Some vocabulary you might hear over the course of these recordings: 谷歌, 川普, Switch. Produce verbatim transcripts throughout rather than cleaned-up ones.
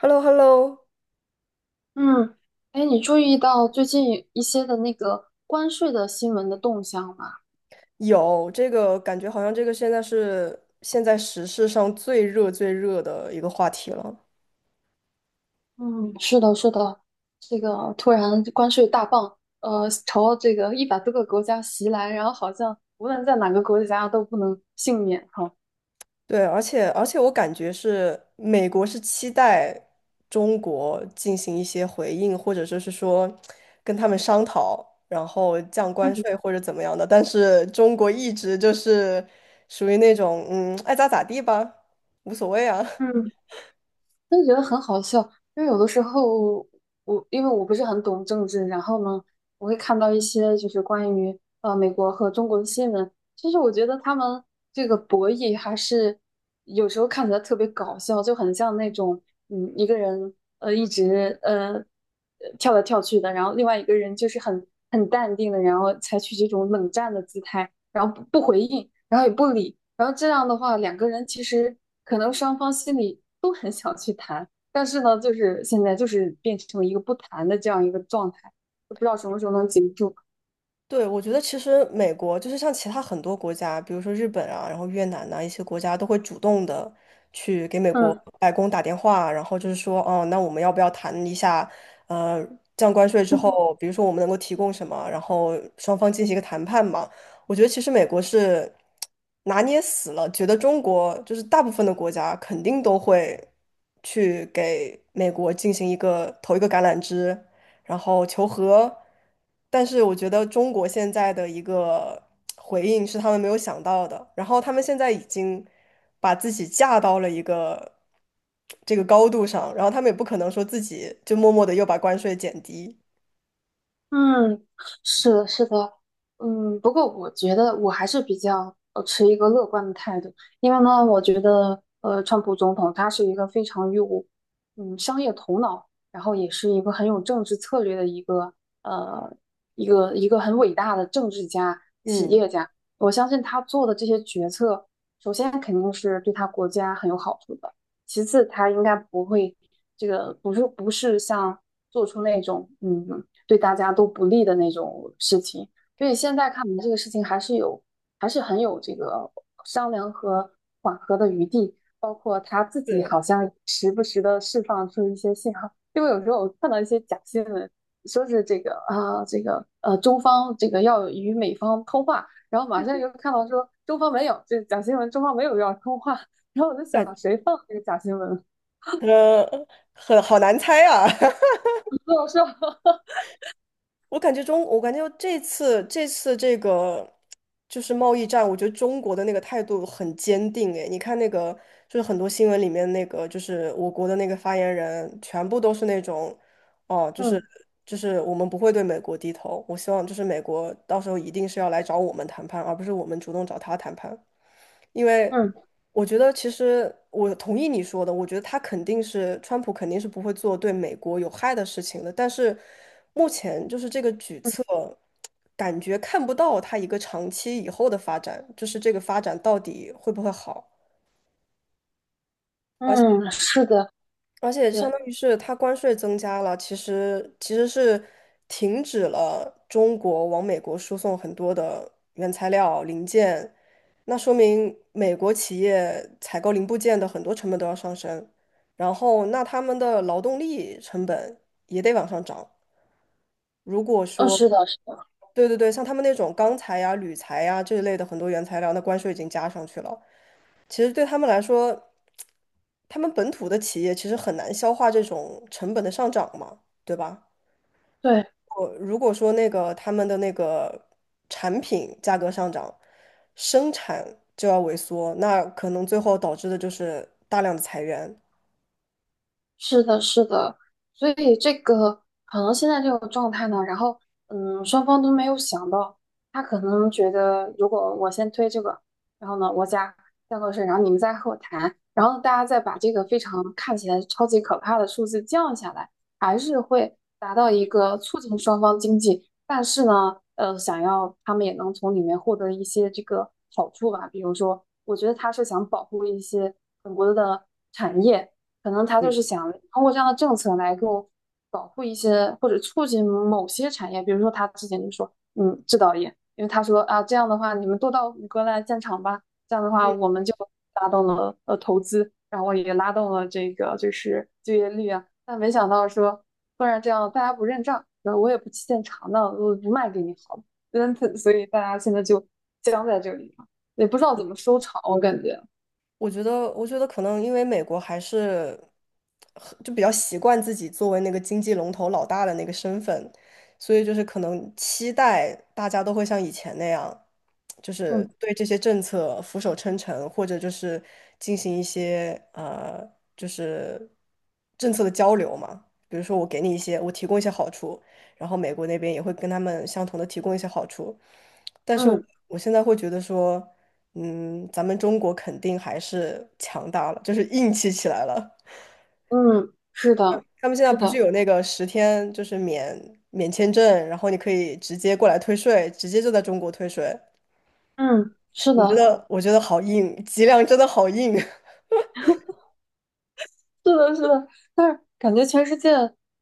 h e l l o h e l l o 嗯，哎，你注意到最近一些的那个关税的新闻的动向吗？有这个感觉，好像这个现在是现在时事上最热最热的一个话题了。嗯，是的，是的，这个突然关税大棒，呃，朝这个一百多个国家袭来，然后好像无论在哪个国家都不能幸免哈。对，而且而且我感觉是美国是期待中国进行一些回应，或者就是说跟他们商讨，然后降关嗯税或者怎么样的，但是中国一直就是属于那种嗯爱咋咋地吧，无所谓啊。嗯，真的觉得很好笑，因为有的时候我因为我不是很懂政治，然后呢，我会看到一些就是关于呃美国和中国的新闻，其实我觉得他们这个博弈还是有时候看起来特别搞笑，就很像那种嗯一个人呃一直呃呃跳来跳去的，然后另外一个人就是很很淡定的，然后采取这种冷战的姿态，然后不不回应，然后也不理，然后这样的话，两个人其实可能双方心里都很想去谈，但是呢，就是现在就是变成了一个不谈的这样一个状态，就不知道什么时候能结束。对，我觉得其实美国就是像其他很多国家，比如说日本啊，然后越南呐、一些国家都会主动的去给美国嗯白宫打电话，然后就是说，哦，那我们要不要谈一下，呃，降关税之后，比如说我们能够提供什么，然后双方进行一个谈判嘛。我觉得其实美国是拿捏死了，觉得中国就是大部分的国家肯定都会去给美国进行一个投一个橄榄枝，然后求和，但是我觉得中国现在的一个回应是他们没有想到的，然后他们现在已经把自己架到了一个这个高度上，然后他们也不可能说自己就默默的又把关税减低，嗯，是的，是的，嗯，不过我觉得我还是比较呃持一个乐观的态度，因为呢，我觉得呃，川普总统他是一个非常有嗯商业头脑，然后也是一个很有政治策略的一个呃一个一个很伟大的政治家、企嗯，业家。我相信他做的这些决策，首先肯定是对他国家很有好处的，其次他应该不会这个不是不是像做出那种嗯。对大家都不利的那种事情。所以现在看来，这个事情还是有，还是很有这个商量和缓和的余地。包括他自己是，好像时不时的释放出一些信号，因为有时候我看到一些假新闻，说是这个啊，这个呃，中方这个要与美方通话，然后马上又看到说中方没有，这假新闻，中方没有要通话，然后我就感想谁放这个假新闻？呃，很好难猜啊。不好说，我感觉中，我感觉这次这次这个就是贸易战，我觉得中国的那个态度很坚定。诶，你看那个就是很多新闻里面那个，就是我国的那个发言人，全部都是那种，哦，就是嗯就是我们不会对美国低头。我希望就是美国到时候一定是要来找我们谈判，而不是我们主动找他谈判。因为嗯我觉得其实我同意你说的，我觉得他肯定是川普肯定是不会做对美国有害的事情的，但是目前就是这个举嗯措，感觉看不到他一个长期以后的发展，就是这个发展到底会不会好。而且。嗯，是的，而且相对，当于是它关税增加了，其实其实是停止了中国往美国输送很多的原材料零件，那说明美国企业采购零部件的很多成本都要上升，然后那他们的劳动力成本也得往上涨。如果嗯，说，是的，是的，对对对，像他们那种钢材呀、铝材呀这一类的很多原材料，那关税已经加上去了，其实对他们来说，他们本土的企业其实很难消化这种成本的上涨嘛，对吧？对，我如果说那个他们的那个产品价格上涨，生产就要萎缩，那可能最后导致的就是大量的裁员。是的，是的，所以这个可能现在这种状态呢，然后嗯，双方都没有想到，他可能觉得如果我先推这个，然后呢，我家再后税，然后你们再和我谈，然后大家再把这个非常看起来超级可怕的数字降下来，还是会达到一个促进双方经济，但是呢，呃，想要他们也能从里面获得一些这个好处吧，比如说，我觉得他是想保护一些本国的产业。可能他就嗯。是想通过这样的政策来给我保护一些或者促进某些产业，比如说他之前就说，嗯，制造业，因为他说啊，这样的话你们都到谷歌来建厂吧，这样的话我们就拉动了呃投资，然后也拉动了这个就是就业率啊，但没想到说突然这样大家不认账，然后我也不去建厂，那我不卖给你好了，嗯，所以大家现在就僵在这里了，也不知道怎么收场，我感觉，我觉得，我觉得可能因为美国还是很就比较习惯自己作为那个经济龙头老大的那个身份，所以就是可能期待大家都会像以前那样，就是嗯对这些政策俯首称臣，或者就是进行一些呃，就是政策的交流嘛。比如说，我给你一些，我提供一些好处，然后美国那边也会跟他们相同的提供一些好处，但是我嗯我现在会觉得说。嗯，咱们中国肯定还是强大了，就是硬气起来了。嗯，是的，他们现在是不是的。有那个十天就是免免签证，然后你可以直接过来退税，直接就在中国退税。嗯，是我觉的，得，我觉得好硬，脊梁真的好硬。是的，是的，但是感觉全世界，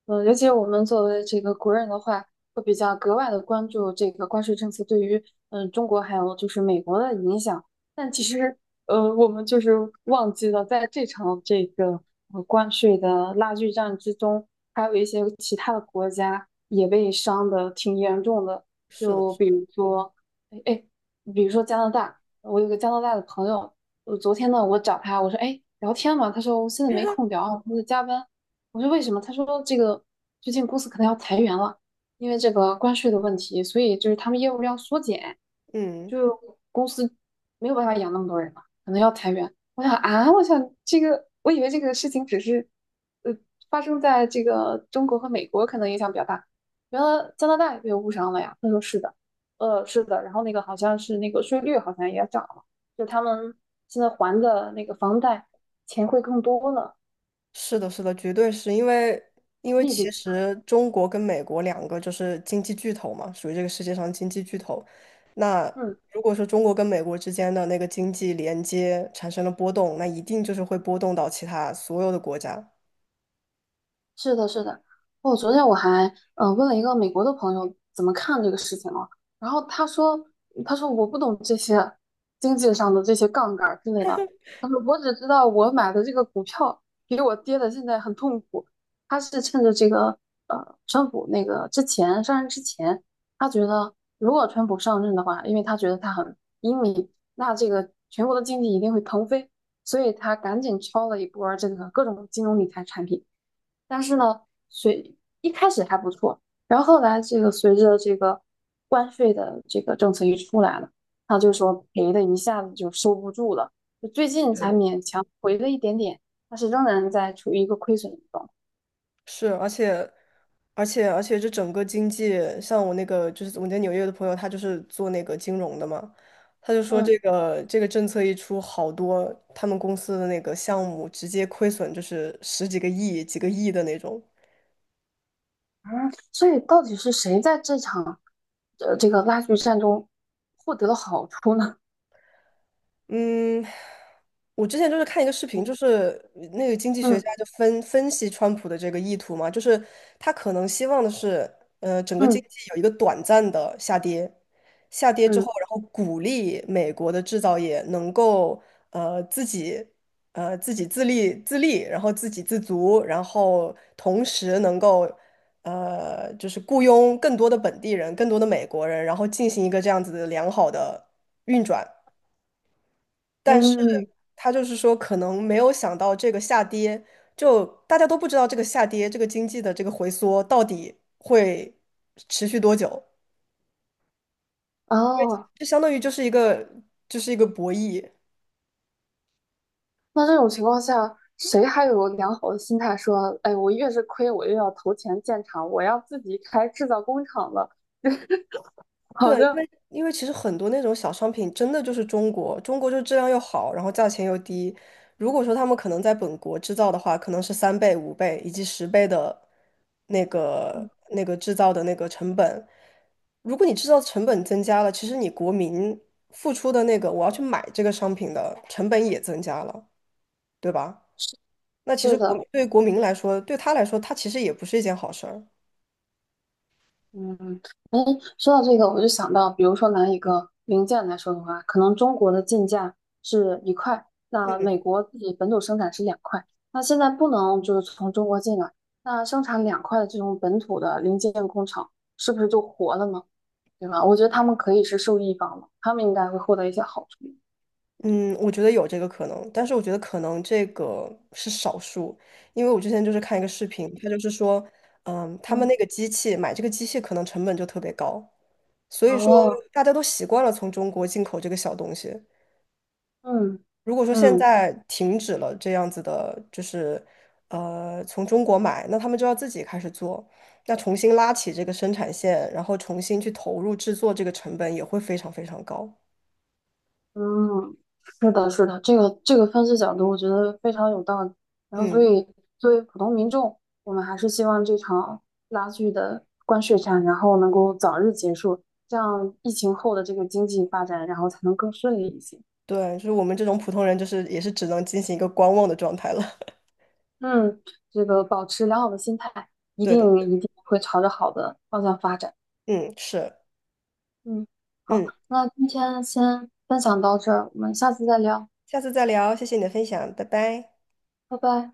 嗯、尤其我们作为这个国人的话，会比较格外的关注这个关税政策对于，嗯、中国还有就是美国的影响。但其实，呃，我们就是忘记了，在这场这个呃关税的拉锯战之中，还有一些其他的国家也被伤的挺严重的，是的，就是比的，如说，哎，哎，比如说加拿大，我有个加拿大的朋友。我昨天呢，我找他，我说，哎，聊天嘛，他说我现在没空聊，我在加班。我说为什么？他说这个最近公司可能要裁员了，因为这个关税的问题，所以就是他们业务量缩减，嗯。就公司没有办法养那么多人了，可能要裁员。我想啊，我想这个，我以为这个事情只是呃发生在这个中国和美国，可能影响比较大，原来加拿大也被误伤了呀。他说是的，呃，是的，然后那个好像是那个税率好像也涨了。就他们现在还的那个房贷钱会更多了，是的，是的，绝对是因为，因为利其率。实中国跟美国两个就是经济巨头嘛，属于这个世界上经济巨头。那嗯，如果说中国跟美国之间的那个经济连接产生了波动，那一定就是会波动到其他所有的国家。是的，是的。哦，昨天我还嗯、呃问了一个美国的朋友怎么看这个事情哦，然后他说他说我不懂这些经济上的这些杠杆儿之类的，他说我只知道我买的这个股票比我跌的现在很痛苦，他是趁着这个呃川普那个之前上任之前，他觉得如果川普上任的话，因为他觉得他很英明，那这个全国的经济一定会腾飞，所以他赶紧抄了一波儿这个各种金融理财产品。但是呢，随一开始还不错，然后后来这个随着这个关税的这个政策一出来了，他就说赔的一下子就收不住了，就最近才勉强回了一点点，但是仍然在处于一个亏损的状态。是，而且，而且，而且，这整个经济，像我那个就是我在纽约的朋友，他就是做那个金融的嘛，他就说这嗯个这个政策一出，好多他们公司的那个项目直接亏损，就是十几个亿、几个亿的那种。嗯，所以到底是谁在这场呃这个拉锯战中获得了好处呢？嗯，我之前就是看一个视频，就是那个经济 学嗯家就分分析川普的这个意图嘛，就是他可能希望的是，呃，整个经嗯济有一个短暂的下跌，下跌之后，嗯然后鼓励美国的制造业能够呃自己呃自己自立自立，然后自给自足，然后同时能够呃就是雇佣更多的本地人，更多的美国人，然后进行一个这样子的良好的运转。但是嗯，他就是说，可能没有想到这个下跌，就大家都不知道这个下跌，这个经济的这个回缩到底会持续多久，哦，就相当于就是一个就是一个博弈。那这种情况下，谁还有良好的心态说，哎，我越是亏，我越要投钱建厂，我要自己开制造工厂了？好对，因像，为因为其实很多那种小商品真的就是中国，中国就质量又好，然后价钱又低。如果说他们可能在本国制造的话，可能是三倍、五倍以及十倍的那个嗯，那个制造的那个成本。如果你制造成本增加了，其实你国民付出的那个我要去买这个商品的成本也增加了，对吧？那其对实国民的，对于国民来说，对他来说，他其实也不是一件好事儿。嗯，说到这个，我就想到，比如说拿一个零件来说的话，可能中国的进价是一块，那美国自己本土生产是两块，那现在不能就是从中国进来，那生产两块的这种本土的零件工厂，是不是就活了呢？对吧？我觉得他们可以是受益方了，他们应该会获得一些好处。嗯，我觉得有这个可能，但是我觉得可能这个是少数，因为我之前就是看一个视频，他就是说，嗯，他们那嗯，个机器买这个机器可能成本就特别高，所以说哦，大家都习惯了从中国进口这个小东西。嗯如果说现嗯在停止了这样子的，就是呃从中国买，那他们就要自己开始做，那重新拉起这个生产线，然后重新去投入制作，这个成本也会非常非常高。嗯，是的，是的，这个这个分析角度我觉得非常有道理。然后，所嗯。以作为普通民众，我们还是希望这场拉锯的关税战，然后能够早日结束，这样疫情后的这个经济发展，然后才能更顺利一些。对，就是我们这种普通人，就是也是只能进行一个观望的状态了。嗯，这个保持良好的心态，一对的，定一定会朝着好的方向发展。嗯，是，嗯，好，嗯，那今天先分享到这儿，我们下次再聊，下次再聊，谢谢你的分享，拜拜。拜拜。